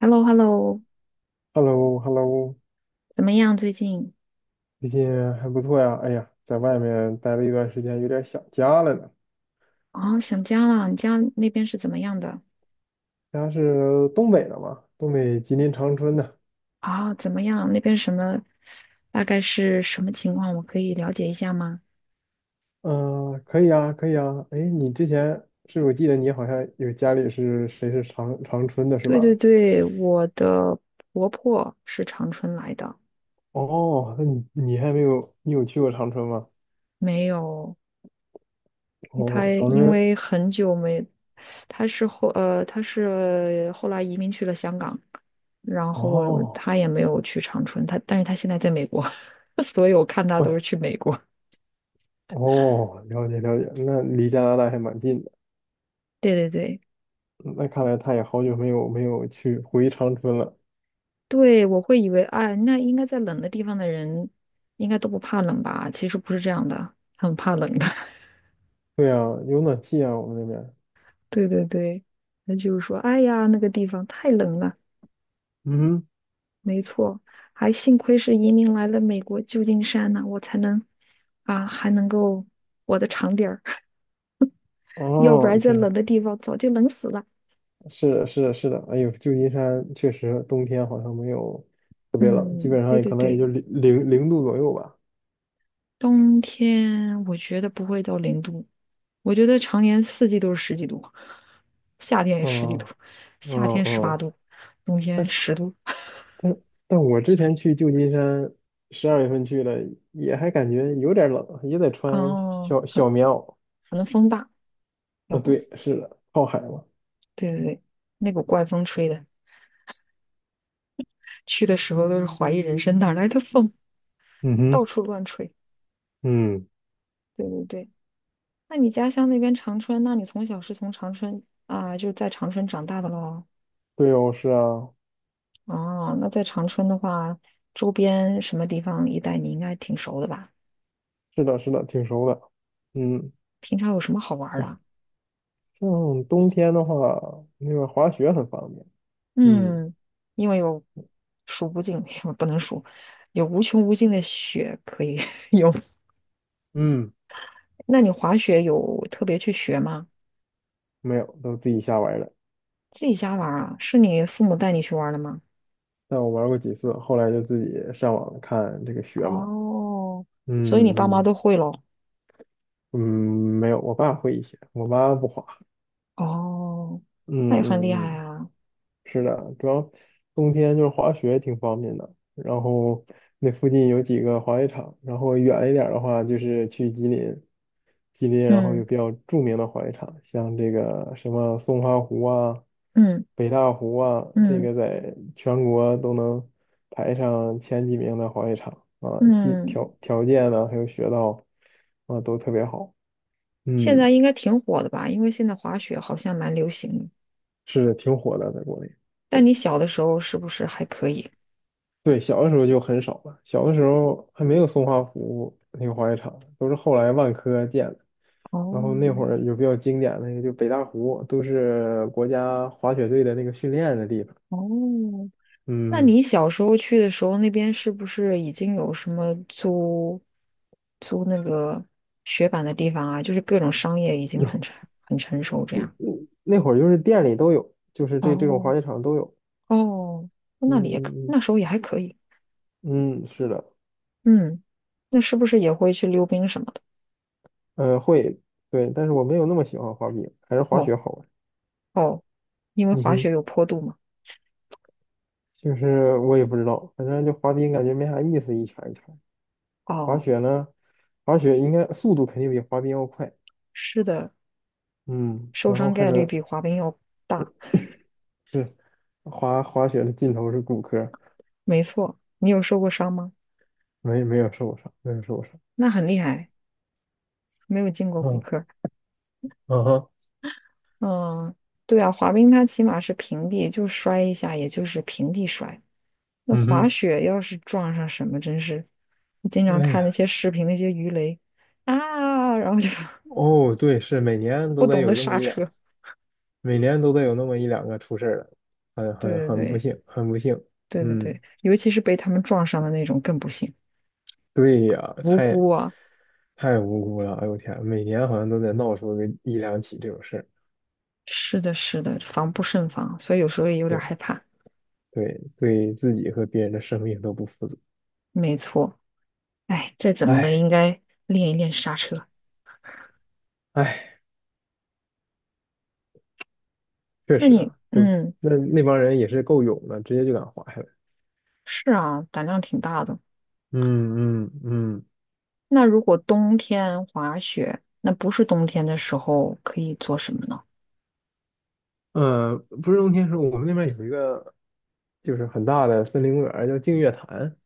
h e l l o h e l l o。 h e l l o h e l l o 怎么样？最近最近还不错呀。哎呀，在外面待了一段时间，有点想家了呢。啊，想家了。你家那边是怎么样的？家是东北的嘛，东北吉林长春的。啊？怎么样？那边什么？大概是什么情况？我可以了解一下吗？嗯、可以啊，可以啊。哎，你之前是我记得你好像有家里是谁是长春的是对对吧？对，我的婆婆是长春来的。哦，那你还没有，你有去过长春吗？没有，她哦，长因春。为很久没，她是后来移民去了香港。然后哦，她也没有去长春，但是她现在在美国，所以我看她都是哎，去美国。哦，了解了解，那离加拿大还蛮近的。对对对。那看来他也好久没有去回长春了。对，我会以为，哎，那应该在冷的地方的人应该都不怕冷吧？其实不是这样的，很怕冷的。对啊，有暖气啊，我们那边。对对对，那就是说，哎呀，那个地方太冷了。嗯哼，没错，还幸亏是移民来了美国旧金山呢、我才能啊，还能够活得长点儿，要不哦，然在天，冷的地方早就冷死了。是的，是的，是的。哎呦，旧金山确实冬天好像没有特别冷，基嗯，本上对也对可能也对，就零度左右吧。冬天我觉得不会到0度，我觉得常年四季都是十几度，夏天也十几度，嗯夏嗯天十八嗯，度，冬但天是10度。但我之前去旧金山，12月份去的，也还感觉有点冷，也得穿哦，小可小棉袄。可能风大，要啊，不，对，是的，靠海嘛。对对对，那股怪风吹的，去的时候都是怀疑人生，哪来的风，嗯到哼，处乱吹。嗯。对对对，那你家乡那边长春，那你从小是从长春啊，就是在长春长大的喽？对哦，是啊，哦，那在长春的话，周边什么地方一带你应该挺熟的吧？是的，是的，挺熟的。嗯，平常有什么好玩儿的对，啊？像冬天的话，那个滑雪很方便。嗯嗯，因为有数不尽，不能数，有无穷无尽的雪可以 用。嗯，那你滑雪有特别去学吗？没有，都自己瞎玩儿的。自己家玩儿啊？是你父母带你去玩儿的吗？但我玩过几次，后来就自己上网看这个雪嘛。哦，所以你爸嗯妈嗯都会喽？嗯，没有，我爸会一些，我妈不滑。哦，那也很厉嗯嗯害嗯，啊。是的，主要冬天就是滑雪挺方便的，然后那附近有几个滑雪场，然后远一点儿的话就是去吉林，吉林然后有嗯比较著名的滑雪场，像这个什么松花湖啊、嗯北大湖啊，这嗯个在全国都能排上前几名的滑雪场啊，地嗯，条条件呢还有雪道啊都特别好，现嗯，在应该挺火的吧？因为现在滑雪好像蛮流行的。是挺火的，在国内。但你小的时候是不是还可以？对，小的时候就很少了，小的时候还没有松花湖那个滑雪场，都是后来万科建的。然哦后那会儿有比较经典的那个，就北大湖，都是国家滑雪队的那个训练的地方。哦，那嗯，你小时候去的时候，那边是不是已经有什么租那个雪板的地方啊？就是各种商业已经有，很成熟这样。那会儿就是店里都有，就是这种滑哦雪场都有。哦，那里也可，嗯那时候也还可以。嗯，嗯，是的，嗯，那是不是也会去溜冰什么的？会，对，但是我没有那么喜欢滑冰，还是滑哦雪好玩。哦，因为嗯滑雪哼，有坡度嘛。就是我也不知道，反正就滑冰感觉没啥意思，一圈儿一圈儿滑哦，雪呢，滑雪应该速度肯定比滑冰要快，是的，嗯，受然后伤还概率能比滑冰要大。是滑雪的尽头是骨科，没错，你有受过伤吗？没有受伤，没有受伤，那很厉害，没有进过骨嗯科。嗯哼，嗯，对啊，滑冰它起码是平地，就摔一下，也就是平地摔。那嗯滑哼，雪要是撞上什么，真是，我经常哎看那呀，些视频，那些鱼雷啊，然后就 哦对，不懂得刹车。每年都得有那么一两个出事儿的，很很对很不对幸，很不幸，对对对嗯，对，尤其是被他们撞上的那种更不行，对呀，无太辜啊。太无辜了，哎呦天，每年好像都得闹出个一两起这种事儿，是的，是的，防不胜防，所以有时候也有点对害怕。对对，自己和别人的生命都不负责，没错，哎，再怎么的哎。应该练一练刹车。唉，确那实你，啊，就嗯，那帮人也是够勇的，直接就敢滑下来。是啊，胆量挺大的。嗯嗯嗯，那如果冬天滑雪，那不是冬天的时候可以做什么呢？不是冬天时候，我们那边有一个就是很大的森林公园儿叫净月潭。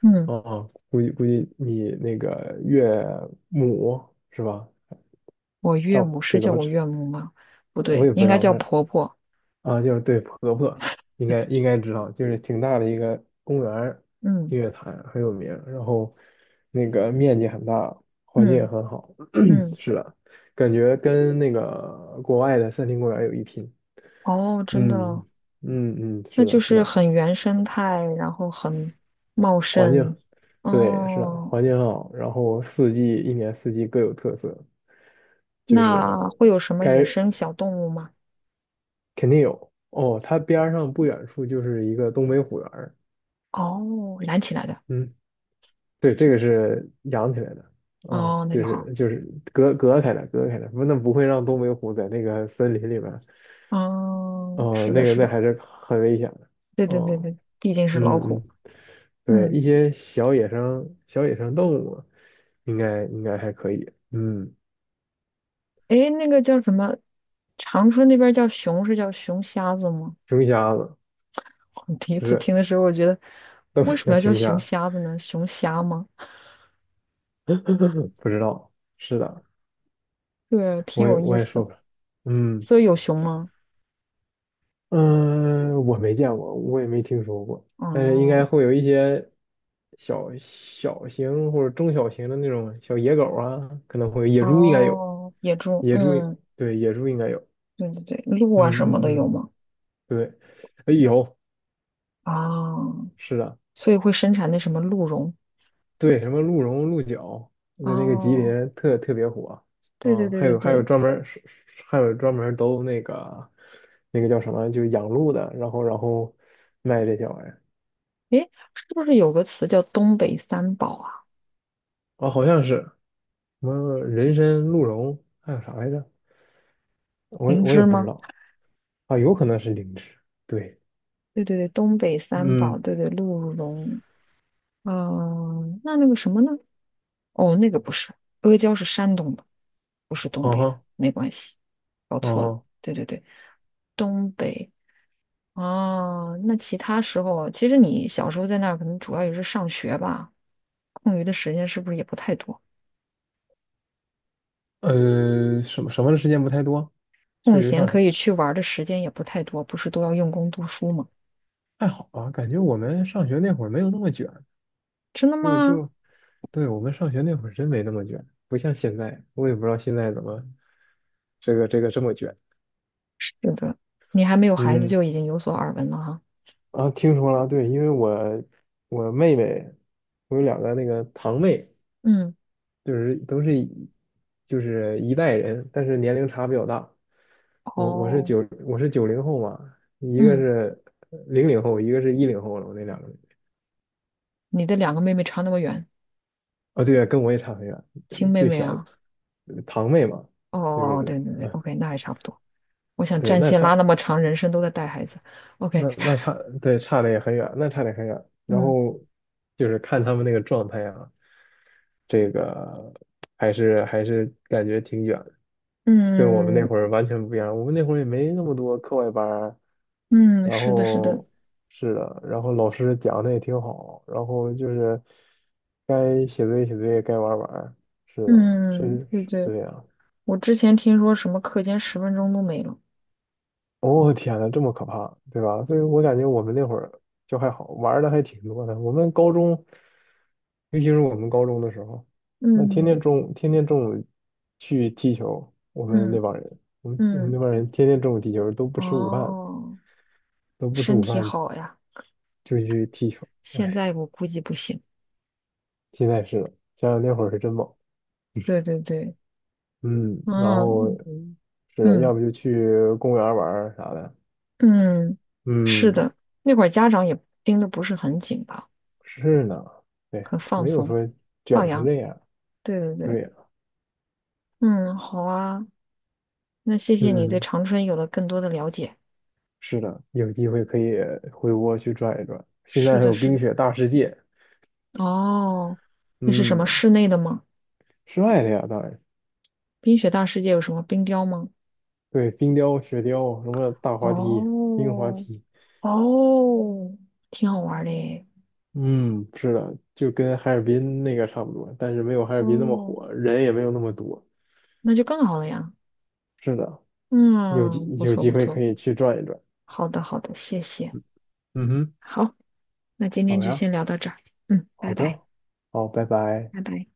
嗯，哦，估计估计你那个岳母是吧？我岳丈母是就怎叫么我称，岳母吗？不我对，也不应知该道，叫反正。婆婆。啊，就是对婆婆，应该应该知道，就是挺大的一个公园儿，嗯日月潭很有名儿，然后那个面积很大，环境也嗯很好，嗯，是的，感觉跟那个国外的森林公园有一拼。哦，真的嗯哦，嗯嗯，那是就的，是是的，很原生态，然后很茂环盛。境，对，是的，哦，环境很好，然后一年四季各有特色，就是那会有什么野该生小动物吗？肯定有哦，它边儿上不远处就是一个东北虎园儿。哦，拦起来的。嗯。对，这个是养起来的，哦，哦，那就就好。是就是隔开的，隔开的，不，那不会让东北虎在那个森林里面，哦，哦，是的，那个是那的，还是很危险的，对对对哦，对，毕竟是老嗯虎。嗯，对，一嗯。些小野生动物应该应该还可以，嗯，诶，那个叫什么？长春那边叫熊是叫熊瞎子吗？熊瞎子 我第一不次是听的时候，我觉得东为北什么叫要叫熊熊瞎，瞎子呢？熊瞎吗？不知道，是的，对，挺我也有意我也思。说不了，嗯。所以有熊吗？嗯，我没见过，我也没听说过，但是应该哦会有一些小小型或者中小型的那种小野狗啊，可能会有野猪应该有，哦，野猪，野猪也嗯，对野猪应该有，对对对，鹿啊嗯什么的嗯有嗯，吗？对，哎有，哦，是的，所以会生产那什么鹿茸。对，什么鹿茸、鹿角，在那个吉哦，林特别火，对对嗯，对还对有还有对，专门儿是是还有专门儿都那个叫什么，就养鹿的，然后卖这些玩意儿，诶，是不是有个词叫东北三宝啊？哦，好像是，什么人参、鹿茸，还有啥来着？我也灵我也芝不知吗？道，啊，有可能是灵芝。对，对对对，东北三宝，嗯，对对，鹿茸，嗯、那那个什么呢？哦，那个不是，阿胶是山东的，不是东嗯北的，哼，没关系，搞嗯错了。哼，对对对，东北啊，那其他时候，其实你小时候在那儿，可能主要也是上学吧，空余的时间是不是也不太多？什么什么的时间不太多，空确实闲上可学以去玩儿的时间也不太多，不是都要用功读书吗？还好吧，感觉我们上学那会儿没有那么卷，真的就吗？就对我们上学那会儿真没那么卷，不像现在，我也不知道现在怎么这个这么卷。是的，你还没有孩子嗯，就已经有所耳闻了哈。啊，听说了，对，因为我妹妹，我有两个那个堂妹。嗯，就是都是就是一代人，但是年龄差比较大。我我是哦，九我是90后嘛，一个嗯，是00后，一个是10后了。我那两个人你的2个妹妹差那么远，啊，哦对，跟我也差很远，亲妹最妹小的啊。堂妹嘛，就哦，是对对对，OK，那还差不多。我想对，战那线拉差那么长，人生都在带孩子。OK，那那差对差的也很远，那差的很远。然嗯后就是看他们那个状态啊，这个还是感觉挺远的，跟我们那嗯会儿完全不一样。我们那会儿也没那么多课外班儿。嗯，然是的，是的，后是的，然后老师讲的也挺好，然后就是该写作业写作业，该玩儿玩儿，是的，嗯，对是对，这样。我之前听说什么课间10分钟都没了。哦天呐，这么可怕，对吧？所以我感觉我们那会儿就还好，玩儿的还挺多的。我们高中，尤其是我们高中的时候，那天嗯天中午天天中午去踢球，我们那嗯帮人，我们我们嗯，那帮人天天中午踢球，都不吃午饭，哦，都不吃身午体饭好呀，就去踢球。现哎。在我估计不行。现在是的，想想那会儿是真猛，对对对，嗯，然后嗯是的，要嗯不就去公园玩儿啥的，嗯，是嗯，的，那会儿家长也盯的不是很紧吧，是呢，对，很放没有松，说卷放成羊。这样，对对对，对呀，嗯，好啊。那谢谢你对嗯，长春有了更多的了解。是的，有机会可以回窝去转一转，现在是还的，有是冰的。雪大世界，哦，那是什么嗯，室内的吗？室外的呀，当然，冰雪大世界有什么冰雕吗？对，冰雕、雪雕，什么大滑梯、冰滑哦，梯，哦，挺好玩儿的耶。嗯，是的，就跟哈尔滨那个差不多，但是没有哈尔滨那么哦，火，人也没有那么多，那就更好了呀。是的。有机嗯，不有错机不会可错。以去转一转。好的好的，谢谢。嗯哼，好，那今天好就呀，先聊到这儿。嗯，好拜拜的，好，拜拜。拜拜。